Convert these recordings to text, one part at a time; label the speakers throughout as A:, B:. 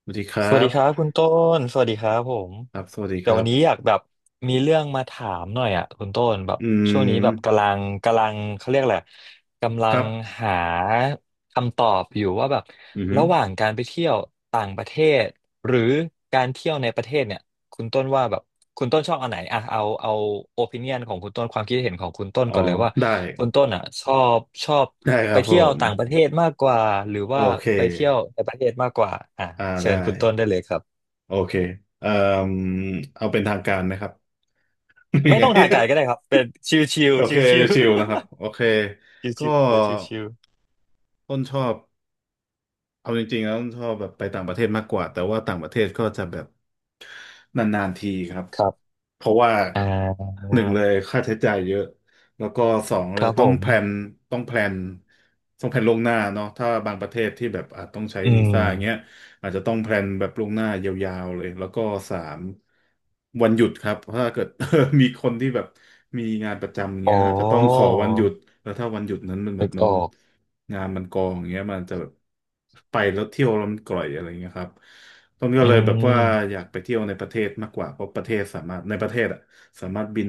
A: สวัสดีครั
B: สวัส
A: บ.
B: ดีครับคุณต้นสวัสดีครับผม
A: ครับ สวัสดีค
B: เดี๋ยว
A: รั
B: วั
A: บ
B: นนี้อยากแบบมีเรื่องมาถามหน่อยอ่ะคุณต้นแบบ
A: อื
B: ช่วงนี้แบบกำ
A: ม
B: ลังกำลังเขาเรียกอะไรกำลั
A: ครั
B: ง
A: บ
B: หาคำตอบอยู่ว่าแบบ
A: อือฮึ
B: ระหว่างการไปเที่ยวต่างประเทศหรือการเที่ยวในประเทศเนี่ย คุณต้นว่าแบบคุณต้นชอบอันไหนอ่ะเอาโอปิเนียนของคุณต้นความคิดเห็นของคุณต้น
A: อ๋อ
B: ก่อนเลยว่า
A: ได้
B: คุณต้นอ่ะชอบ
A: ได้ค
B: ไป
A: รับผ
B: เที่ยว
A: ม
B: ต่างประเทศมากกว่าหรือ
A: โอ
B: ว่า
A: เค
B: ไปเที่ยวในประเทศมากกว่าอ่ะ
A: อ่า
B: เชิ
A: ได้
B: ญคุณต้นได้เลยครับ
A: โอเคเอ่อเอาเป็นทางการนะครับ ยั
B: ไม่
A: งไง
B: ต้องถ่ายไกลก็ได้ครับเป็นชิวชิว
A: โอ
B: ชิ
A: เค
B: วชิว
A: ชิวๆนะครับ โอเค
B: ชิว
A: ก็
B: ชิวๆเดี๋ยวชิวชิว
A: ต้นชอบ เอาจริงๆแล้วชอบแบบไปต่างประเทศมากกว่าแต่ว่าต่างประเทศก็จะแบบนานๆทีครับ
B: ๆ ครับ
A: เพราะว่า
B: อ่า
A: หนึ่งเลยค่าใช้จ่ายเยอะแล้วก็สองเล
B: ค
A: ย
B: รับ
A: ต้
B: ผ
A: อง
B: ม
A: แพลนต้องแพลนต้องแพลนล่วงหน้าเนาะถ้าบางประเทศที่แบบอาจต้องใช้
B: อื
A: วี
B: ม
A: ซ่าอย่างเงี้ย อาจจะต้องแพลนแบบล่วงหน้ายาวๆเลยแล้วก็สามวันหยุดครับถ้าเกิด มีคนที่แบบมีงานประจำอย่าง
B: อ๋อ
A: เงี้ยอาจจะต้องขอวันหยุดแล้วถ้าวันหยุดนั้นมันแบ
B: นึ
A: บ
B: ก
A: มั
B: อ
A: น
B: อก
A: งานมันกองอย่างเงี้ยมันจะแบบไปแล้วเที่ยวแล้วมันกร่อยอะไรเงี้ยครับต้นก็
B: อื
A: เลยแบบว่าอ
B: ม
A: ยากไปเที่ยวในประเทศมากกว่าเพราะประเทศสามารถในประเทศอะสามารถบิน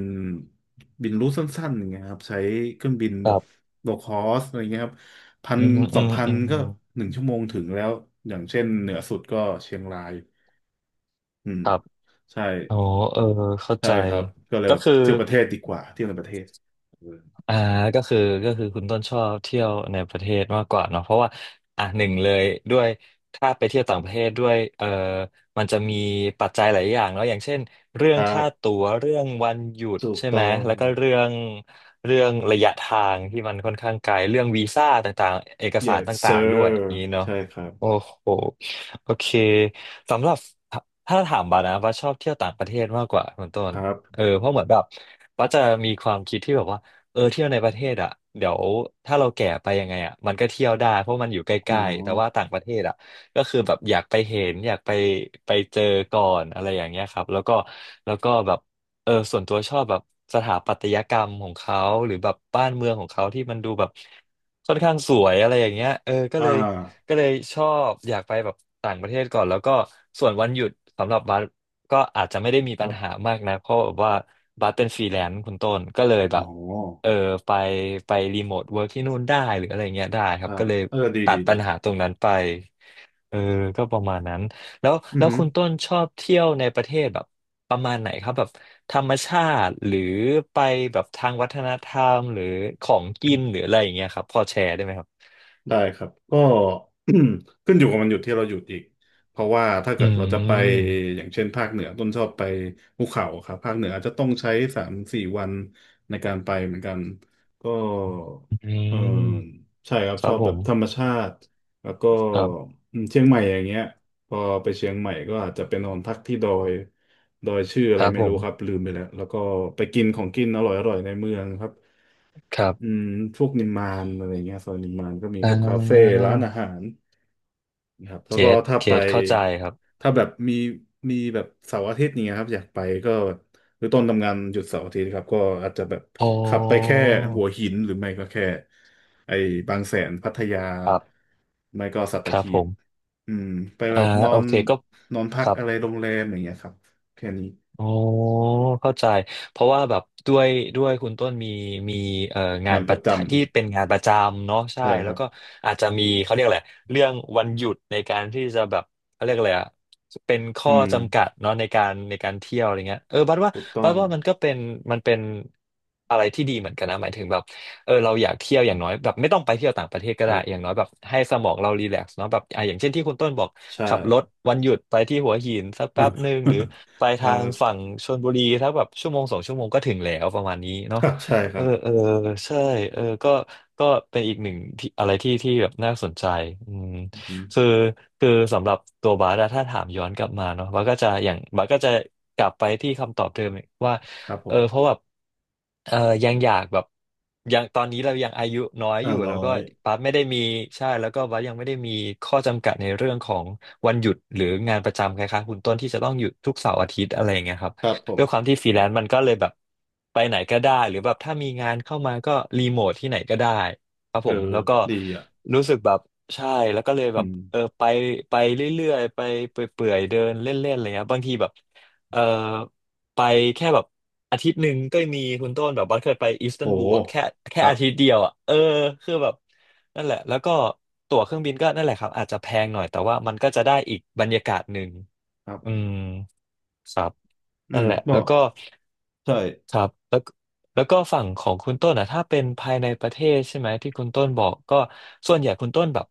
A: บินรูทสั้นๆอย่างเงี้ยครับใช้เครื่องบิน
B: ค
A: แบ
B: รั
A: บ
B: บ
A: โลคอสอะไรเงี้ยครับ พัน
B: อืม
A: ส
B: อื
A: อง
B: ม
A: พัน
B: อืม
A: ก็1 ชั่วโมงถึงแล้วอย่างเช่นเหนือสุดก็เชียงรายอืม
B: ครับ
A: ใช่
B: อ๋อเออเข้า
A: ใช่
B: ใจ
A: ครับก็เลย
B: ก็
A: แบบ
B: คือ
A: เที่ยวประเทศดีกว่าเที่ยวในประเทศเออ
B: อ่าก็คือก็คือคุณต้นชอบเที่ยวในประเทศมากกว่าเนาะเพราะว่าอ่ะหนึ่งเลยด้วยถ้าไปเที่ยวต่างประเทศด้วยเออมันจะมีปัจจัยหลายอย่างเนาะอย่างเช่นเรื่อ
A: ค
B: ง
A: รั
B: ค่า
A: บ
B: ตั๋วเรื่องวันหยุด
A: ถูก
B: ใช่ไหม
A: ต้อง
B: แล้วก็เรื่องระยะทางที่มันค่อนข้างไกลเรื่องวีซ่าต่างๆเอกสาร
A: yes
B: ต่า
A: sir
B: งๆด้วยอย่างนี้เนาะ
A: ใช่ครั
B: โอ้
A: บ
B: โหโอเคสำหรับถ้าถามบานะว่าชอบเที่ยวต่างประเทศมากกว่าคุณต้
A: ค
B: น
A: รับ
B: เออเพราะเหมือนแบบว่าจะมีความคิดที่แบบว่า เออเที่ยวในประเทศอ่ะเดี๋ยวถ้าเราแก่ไปยังไงอ่ะมันก็เที่ยวได้เพราะมันอยู่ใก
A: อ๋อ
B: ล้ๆแต่ว่าต่างประเทศอ่ะก็คือแบบอยากไปเห็นอยากไปไปเจอก่อนอะไรอย่างเงี้ยครับแล้วก็แบบเออส่วนตัวชอบแบบสถาปัตยกรรมของเขาหรือแบบบ้านเมืองของเขาที่มันดูแบบค่อนข้างสวยอะไรอย่างเงี้ยเออก็
A: อ่า
B: เลยก็เลยชอบอยากไปแบบต่างประเทศก่อนแล้วก็ส่วนวันหยุดสำหรับบัสก็อาจจะไม่ได้มี
A: ค
B: ปั
A: รั
B: ญหา
A: บ
B: มากนะเพราะแบบว่าบัสเป็นฟรีแลนซ์คุณต้นก็เลย
A: อ๋
B: แบ
A: อ
B: บ เออไปไปรีโมทเวิร์กที่นู่นได้หรืออะไรเงี้ยได้
A: ค
B: ครับ
A: รั
B: ก็
A: บ
B: เลย
A: เออดี
B: ตัด
A: ดี
B: ปั
A: ดี
B: ญหาตรงนั้นไปเออก็ประมาณนั้นแล้ว
A: อือ
B: แล้ว
A: ฮึ
B: คุณต้นชอบเที่ยวในประเทศแบบประมาณไหนครับแบบธรรมชาติหรือไปแบบทางวัฒนธรรมหรือของกินหรืออะไรอย่างเงี้ยครับพอแชร์ได้ไหมครับ
A: ได้ครับก็ ขึ้นอยู่กับวันหยุดที่เราหยุดอีกเพราะว่าถ้า
B: อื
A: เกิดเราจะไป
B: ม
A: อย่างเช่นภาคเหนือต้นชอบไปภูเขาครับภาคเหนืออาจจะต้องใช้3-4 วันในการไปเหมือนกันก็
B: อื
A: เออ
B: ม
A: ใช่ครับ
B: ค
A: ช
B: รั
A: อ
B: บ
A: บ
B: ผ
A: แบบ
B: ม
A: ธรรมชาติแล้วก็
B: ครับ
A: อืมเชียงใหม่อย่างเงี้ยพอไปเชียงใหม่ก็อาจจะไปนอนพักที่ดอยชื่ออะ
B: ค
A: ไร
B: รับ
A: ไม่
B: ผ
A: รู้
B: ม
A: ครับลืมไปแล้วแล้วก็ไปกินของกินอร่อยๆในเมืองครับ
B: ครั
A: อื
B: บ
A: มพวกนิมมานอะไรเงี้ยซอยนิมมานก็มี
B: อ่
A: พวกคาเฟ่
B: า
A: ร้านอาหารนะครับแล้
B: เก
A: วก็
B: ต
A: ถ้า
B: เก
A: ไป
B: ตเข้าใจครับ
A: ถ้าแบบมีแบบเสาร์อาทิตย์เนี่ยครับอยากไปก็หรือต้นทำงานหยุดเสาร์อาทิตย์ครับก็อาจจะแบบ
B: อ๋อ
A: ขับไปแค่หัวหินหรือไม่ก็แค่ไอ้บางแสนพัทยา
B: ครับ
A: ไม่ก็สัต
B: ครับ
A: หี
B: ผ
A: บ
B: ม
A: อืมไปแบ
B: อ่า
A: บนอ
B: โอ
A: น
B: เคก็
A: นอนพั
B: ค
A: ก
B: รับ
A: อะไรโรงแรมอย่างเงี้ยครับแค่นี้
B: อ๋อเข้าใจเพราะว่าแบบด้วยคุณต้นมีเอ่องา
A: งา
B: น
A: น
B: ป
A: ป
B: ระ
A: ระจ
B: จที่เป็นงานประจำเนาะ
A: ำ
B: ใช่
A: ใช่ค
B: แล้
A: รั
B: ว
A: บ
B: ก็อาจจะมีเขาเรียกอะไรเรื่องวันหยุดในการที่จะแบบเขาเรียกอะไรอะเป็นข้
A: อื
B: อ
A: ม
B: จำกัดเนาะในการเที่ยวอะไรเงี้ยเออบัดว่า
A: ถูกต้
B: บั
A: อง
B: ดว่ามันก็เป็นมันเป็นอะไรที่ดีเหมือนกันนะหมายถึงแบบ เออเราอยากเที่ยวอย่างน้อยแบบไม่ต้องไปเที่ยวต่างประเทศ
A: ค
B: ก็
A: รั
B: ได้อย่าง
A: บ
B: น้อยแบบให้สมองเรารีแลกซ์เนาะแบบอ่ะอย่างเช่นที่คุณต้นบอก
A: ใช่
B: ขับรถวันหยุดไปที่หัวหินสักแป๊บหนึ่
A: อ่า
B: งหรือไป
A: เอ่อ
B: ทางฝั่งชลบุรีถ้าแบบชั่วโมงสองชั่วโมงก็ถึงแล้วประมาณนี้
A: ค
B: เนาะ
A: รับใช่ค
B: เอ
A: รั
B: อ
A: บ
B: เออใช่เออก็เป็นอีกหนึ่งที่อะไรที่ที่แบบน่าสนใจอืม
A: อื
B: คื
A: ม
B: อคือสำหรับตัวบาสอถ้าถามย้อนกลับมาเนาะบาสก็จะอย่างบาสก็จะกลับไปที่คำตอบเดิมว่า
A: ครับผ
B: เออเพราะ
A: ม
B: แบบเออยังอยากแบบ ยังตอนนี้เรายังอายุน้อยอ
A: ห้า
B: ยู่
A: ร้
B: แล้
A: อ
B: วก็
A: ย
B: ปั๊บไม่ได้มีใช่แล้วก็วัดยังไม่ได้มีข้อจำกัดในเรื่องของวันหยุดหรืองานประจำคล้ายๆคุณต้นที่จะต้องหยุดทุกเสาร์อาทิตย์อะไรอย่างเงี้ยครับ
A: ครับผ
B: ด้วยความ
A: ม
B: ที่ฟรีแลนซ์มันก็เลยแบบไปไหนก็ได้หรือแบบถ้ามีงานเข้ามาก็รีโมทที่ไหนก็ได้ครับ
A: เอ
B: ผ
A: อ
B: มแล้วก็
A: ดีอ่ะ
B: รู้สึกแบบใช่แล้วก็เลยแบ
A: อื
B: บ
A: ม
B: เออไปไปเรื่อยๆไปเปื่อยๆเดินเล่นๆอะไรเงี้ยบางทีแบบเออไปแค่แบบ อาทิตย์หนึ่งก็มีคุณต้นแบบบัสเคยไปอิสตั
A: โห
B: นบูลอ่ะแค่
A: ค
B: แค่
A: รับ
B: อาทิตย์เดียวอ่ะเออคือแบบนั่นแหละแล้วก็ตั๋วเครื่องบินก็นั่นแหละครับอาจจะแพงหน่อยแต่ว่ามันก็จะได้อีกบรรยากาศหนึ่ง
A: ครั
B: อื
A: บ
B: มครับ
A: อื
B: นั่น
A: ม
B: แหละ
A: ก็
B: แล้วก็
A: ใช่
B: ครับแล้วก็แล้วก็ฝั่งของคุณต้นอ่ะถ้าเป็นภายในประเทศใช่ไหมที่คุณต้นบอกก็ส่วนใหญ่คุณต้นแบบ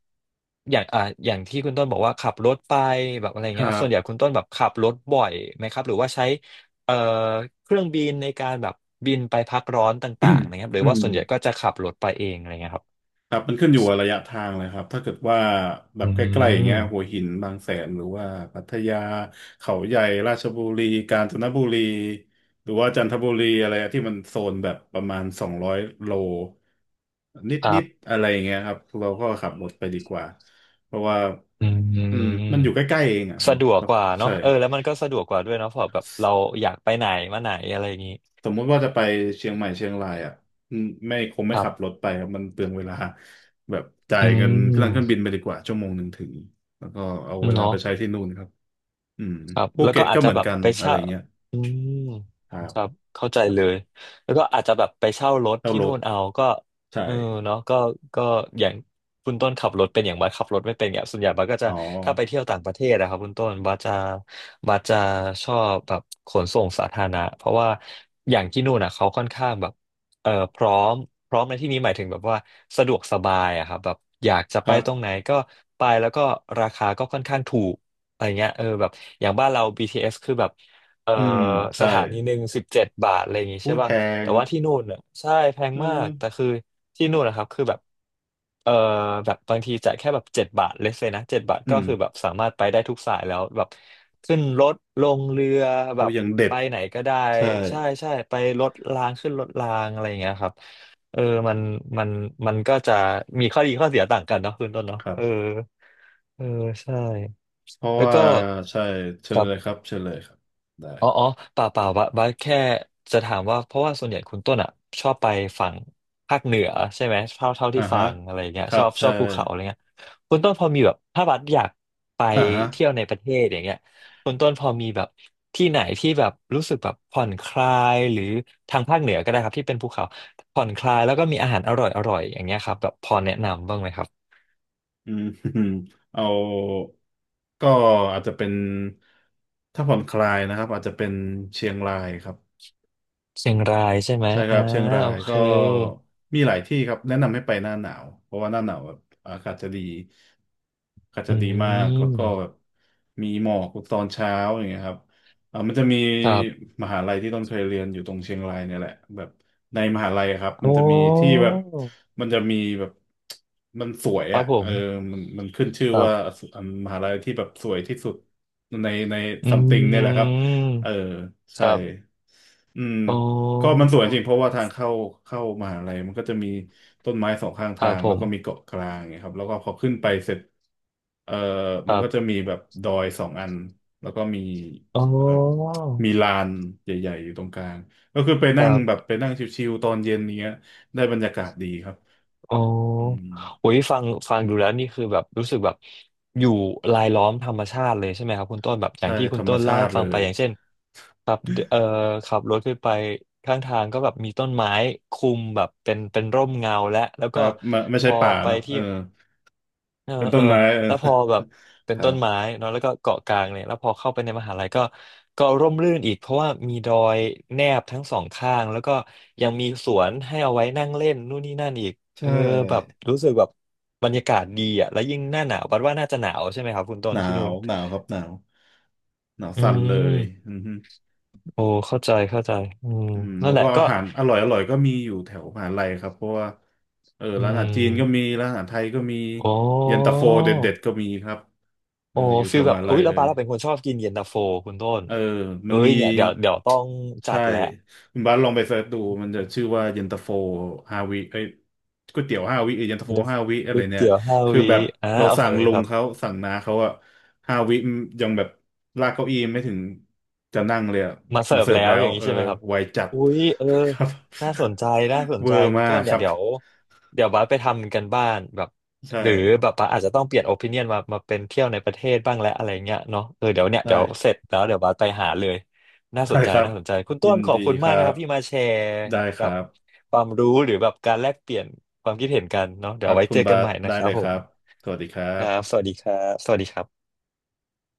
B: อย่างอย่างที่คุณต้นบอกว่าขับรถไปแบบอะไร
A: ค
B: เงี้ย
A: รั
B: ครับส่
A: บ
B: วนใหญ่คุณต้นแบบขับรถบ่อยไหมครับหรือว่าใช้เอ่อเครื่องบินในการแบบบินไปพักร้อนต่างๆนะครับหรื
A: อื
B: อว่าส่วนใหญ่ก็
A: ม
B: จะขับรถไปเองอะไรเงี้ยครับ
A: ครับมันขึ้นอยู่กับระยะทางเลยครับถ้าเกิดว่าแบ
B: อื
A: บใกล้ๆอย่างเงี้ย
B: ม
A: หัวหินบางแสนหรือว่าพัทยาเขาใหญ่ราชบุรีกาญจนบุรีหรือว่าจันทบุรีอะไรที่มันโซนแบบประมาณ200 โลน
B: ครั
A: ิด
B: บ
A: ๆอะไรอย่างเงี้ยครับเราก็ขับรถไปดีกว่าเพราะว่า
B: อื
A: อื
B: ม
A: มมันอยู่ใกล้ๆเองอ่ะ
B: สะ
A: เนาะ
B: ดวก
A: แล้ว
B: ก
A: ก็
B: ว่าเนาะ
A: ใช่
B: เออแล้วมันก็สะดวกกว่าด้วยเนาะเพราะแบบเราอยากไปไหนมาไหนอะไรอย่างงี้
A: สมมุติว่าจะไปเชียงใหม่เชียงรายอ่ะอืมไม่คงไม่
B: ครั
A: ขับ
B: บ
A: รถไปครับมันเปลืองเวลาแบบจ่า
B: อื
A: ยเงินเครื่องบิ
B: ม
A: นไปดีกว่า1 ชั่วโมงถึงแล้วก็เอาเวลาไป
B: เนาะ
A: ใช้ที่นู่นครับอืม
B: ครับ
A: ภู
B: แล้ว
A: เก็
B: ก็
A: ต
B: อา
A: ก็
B: จ
A: เห
B: จะ
A: มือ
B: แบ
A: น
B: บ
A: กัน
B: ไป
A: อะไร
B: เช่า
A: เงี้ย
B: อืม
A: ครั
B: ค
A: บ
B: รับเข้าใจ
A: ครับ
B: เลยแล้วก็อาจจะแบบไปเช่ารถ
A: เช่า
B: ที่
A: ร
B: นู่
A: ถ
B: นเอาก็
A: ใช่
B: เออเนาะก็ก็อย่างคุณต้นขับรถเป็นอย่างบัสขับรถไม่เป็นเนี่ยส่วนใหญ่บัสก็จะ
A: อ๋อ
B: ถ้าไปเที่ยวต่างประเทศนะครับคุณต้นบัสจะบัสจะชอบแบบขนส่งสาธารณะเพราะว่าอย่างที่นู่นอะเขาค่อนข้างแบบพร้อมพร้อมในที่นี้หมายถึงแบบว่าสะดวกสบายอะครับแบบอยากจะ
A: ค
B: ไป
A: รั
B: ตรง
A: บ
B: ไหนก็ไปแล้วก็ราคาก็ค่อนข้างถูก อะไรเงี้ยเออแบบอย่างบ้านเรา BTS คือแบบเออ
A: อืม
B: ส
A: ใช่
B: ถานี17 บาทอะไรอย่างงี้
A: อุ้
B: ใช่
A: ยแพ
B: ป่ะ
A: ง
B: แต่ว่าที่นู่นอ่ะใช่แพง
A: เออ
B: มากแต่คือที่นู่นนะครับคือแบบเออแบบบางทีจ่ายแค่แบบเจ็ดบาทเลสเลยนะเจ็ดบาท
A: อื
B: ก็
A: ม
B: คือแบบสามารถไปได้ทุกสายแล้วแบบขึ้นรถลงเรือแบ
A: อุ้ย
B: บ
A: ยังเด็ด
B: ไปไหนก็ได้
A: ใช่
B: ใช่ใช่ไปรถรางขึ้นรถรางอะไรอย่างเงี้ยครับเออมันมันมันก็จะมีข้อดีข้อเสียต่างกันเนาะคุณต้นเนาะ
A: ครับ
B: เออเออใช่
A: เพราะ
B: แล้ว
A: ว่า
B: ก็
A: ใช่เชิ
B: ค
A: ญ
B: รั
A: เลยค
B: บ
A: รับเชิญเลยครับได้
B: อ๋ออ๋อเปล่าเปล่าบัสบัสแค่จะถามว่าเพราะว่าส่วนใหญ่คุณต้นอ่ะชอบไปฝั่งภาคเหนือใช่ไหมเท่าเท่า
A: อ่า
B: ที่ฟั
A: ฮะ
B: งอะไรเงี้ย
A: ครั
B: ชอ
A: บ
B: บช
A: ใช่
B: อบภูเขาอะไรเงี้ยคุณต้นพอมีแบบถ้าบัสอยากไป
A: อ่าฮะ
B: เที่ยวในประเทศอย่างเงี้ยคุณต้นพอมีแบบที่ไหนที่แบบรู้สึกแบบผ่อนคลายหรือทางภาคเหนือก็ได้ครับที่เป็นภูเขาผ่อนคลายแล้วก็มีอาหารอร่อยอร่อยอย่างเงี้ยครับแบบพอแนะนำบ้างไหมครับ
A: อืม เอาก็อาจจะเป็นถ้าผ่อนคลายนะครับอาจจะเป็นเชียงรายครับ
B: เชียงรายใช่ไหม
A: ใช่ค
B: อ่า
A: รับเชียงรา
B: โอ
A: ย
B: เค
A: ก็มีหลายที่ครับแนะนำให้ไปหน้าหนาวเพราะว่าหน้าหนาวแบบอากาศจะดีอากาศ
B: อื
A: จะดีมากแล้วก็
B: ม
A: แบบมีหมอกตอนเช้าอย่างเงี้ยครับมันจะมี
B: ครับ
A: มหาลัยที่ต้นเคยเรียนอยู่ตรงเชียงรายเนี่ยแหละแบบในมหาลัยอะครับมั
B: โอ้
A: นจะมีที่แบบมันจะมีแบบมันสวย
B: ครั
A: อ่ะ
B: บผ
A: เอ
B: ม
A: อมันมันขึ้นชื่อ
B: ครั
A: ว่า
B: บ
A: มหาลัยที่แบบสวยที่สุดในใน
B: อื
A: ซัมติงเนี่ยแหละครับ
B: ม
A: เออใช่
B: ครับ
A: อืม
B: อ๋อ
A: ก็มันสวยจริงเพราะว่าทางเข้ามหาลัยมันก็จะมีต้นไม้สองข้าง
B: ค
A: ทา
B: รับ
A: ง
B: ผ
A: แล้ว
B: ม
A: ก็มีเกาะกลางไงครับแล้วก็พอขึ้นไปเสร็จเอ่อ
B: ค
A: มัน
B: รั
A: ก็จะ
B: บ
A: มีแบบดอยสองอันแล้วก็มี
B: อ๋อ
A: เอ่อมีลานใหญ่ๆอยู่ตรงกลางก็คือไป
B: ค
A: นั่
B: รั
A: งแบบ
B: บ
A: ไปนั่งชิวๆตอนเย็นเนี้ยได้บรรยากาศดีครับ
B: อ๋อ
A: อืม
B: โอ้ยฟังฟังดูแล้วนี่คือแบบรู้สึกแบบอยู่รายล้อมธรรมชาติเลยใช่ไหมครับคุณต้นแบบอย่า
A: ใช่
B: งที่คุ
A: ธร
B: ณ
A: รม
B: ต้น
A: ชา
B: เล่าให้
A: ติเล
B: ฟังไป
A: ย
B: อย่างเช่นขับเอ่อขับรถขึ้นไปข้างทางก็แบบมีต้นไม้คุมแบบเป็นร่มเงาและแล้ว
A: ค
B: ก็
A: รับไม่ไม่
B: พ
A: ใช่
B: อ
A: ป่า
B: ไป
A: เนาะเอ
B: ที่
A: อ
B: เออ
A: เป็น
B: เอ
A: ต้
B: อ
A: นไม้เออ
B: แล้วพอแบบเป็
A: ค
B: น
A: รั
B: ต้น
A: บ
B: ไม้เนาะแล้วก็เกาะกลางเนี่ยแล้วพอเข้าไปในมหาลัยก็ก็ร่มรื่นอีกเพราะว่ามีดอยแนบทั้งสองข้างแล้วก็ยังมีสวนให้เอาไว้นั่งเล่นนู่นนี่นั่นอีก
A: ใช
B: เออแบบ
A: ่
B: รู้สึกแบบบรรยากาศดีอ่ะแล้วยิ่งหน้าหนาวบัดว่าน่าจะหนาวใช่ไหมครับคุณต้
A: ห
B: น
A: นา
B: ที่นู่
A: ว
B: น
A: หนาวครับหนาวหนาว
B: อื
A: สั่นเลย
B: ม
A: อือฮึ
B: โอ้เข้าใจเข้าใจอืม
A: อืม
B: นั่
A: แล้
B: น
A: ว
B: แห
A: ก็
B: ละ
A: อา
B: ก็
A: หารอร่อยอร่อยก็มีอยู่แถวมหาลัยครับเพราะว่าเออ
B: อื
A: ร้านอาหาร
B: ม
A: จีนก็มีร้านอาหารไทยก็มี
B: โอ้
A: เย็นตาโฟเด็ดเด็ดก็มีครับเอ
B: โอ้
A: ออยู่แถ
B: ฟีล
A: วม
B: แบบ
A: หา
B: อุ๊
A: ลัย
B: ยแล้
A: เล
B: วบา
A: ย
B: ร์เราเป็นคนชอบกินเย็นตาโฟคุณต้น
A: เออมั
B: เอ้
A: น
B: ย
A: มี
B: เนี่ยเดี๋ยวเดี๋ยวต้องจั
A: ใช่
B: ดแล้ว
A: คุณบาสลองไปเสิร์ชดู
B: มี
A: มันจะ
B: แ
A: ชื่อว่าเย็นตาโฟห้าวิเอ้ยก๋วยเตี๋ยวห้าวิเอ้ยเย็นตาโฟ
B: ต่
A: ห้าวิอะ
B: ก๋
A: ไร
B: วย
A: เนี่ย
B: เตี๋ยวห้า
A: คือ
B: วี
A: แบบ
B: อ่า
A: เรา
B: โอเค
A: สั่งลุ
B: ค
A: ง
B: รั
A: เขา
B: บ
A: สั่งน้าเขาอะห้าวิยังแบบลากเก้าอี้ไม่ถึงจะนั่งเลยอะ
B: มาเสิ
A: มา
B: ร์ฟ
A: เสิร์ฟ
B: แล้ว
A: แล้
B: อ
A: ว
B: ย่างนี้
A: เออ
B: ใช่ไหมครับ
A: ไวจัด
B: อุ้ยเออ
A: ครับ
B: น่าสนใจน่าส น
A: เวอ
B: ใจ
A: ร์
B: คุณ
A: มา
B: ต้
A: ก
B: น
A: ค
B: เนี่ย
A: รับ
B: เดี๋ยวเดี๋ยวบัสไปทำกันบ้านแบบ
A: ใช่
B: หรือแบบบัสอาจจะต้องเปลี่ยนโอปิเนียนมามาเป็นเที่ยวในประเทศบ้างและอะไรเงี้ยเนาะเออเดี๋ยวเนี่ย
A: ได้
B: เดี๋ยวเสร็จแล้วเดี๋ยวบัสไปหาเลยน่าส
A: ได้
B: นใจ
A: ครับ
B: น่าสนใจคุณ
A: ยิ
B: ต้น
A: น
B: ขอ
A: ดี
B: บคุณ
A: ค
B: มาก
A: รั
B: นะค
A: บ
B: รับที่มาแชร์
A: ได้ค
B: แบ
A: รั
B: บ
A: บ
B: ความรู้หรือแบบการแลกเปลี่ยนความคิดเห็นกันเนาะ
A: ค
B: เดี๋ยว
A: รั
B: เอา
A: บ
B: ไว้
A: คุ
B: เจ
A: ณ
B: อ
A: บา
B: กันให
A: ส
B: ม่นะ
A: ได้
B: ครั
A: เล
B: บ
A: ย
B: ผ
A: ครั
B: ม
A: บสวัสดีครั
B: ครับส
A: บ
B: วัสดีครับสวัสดีครับ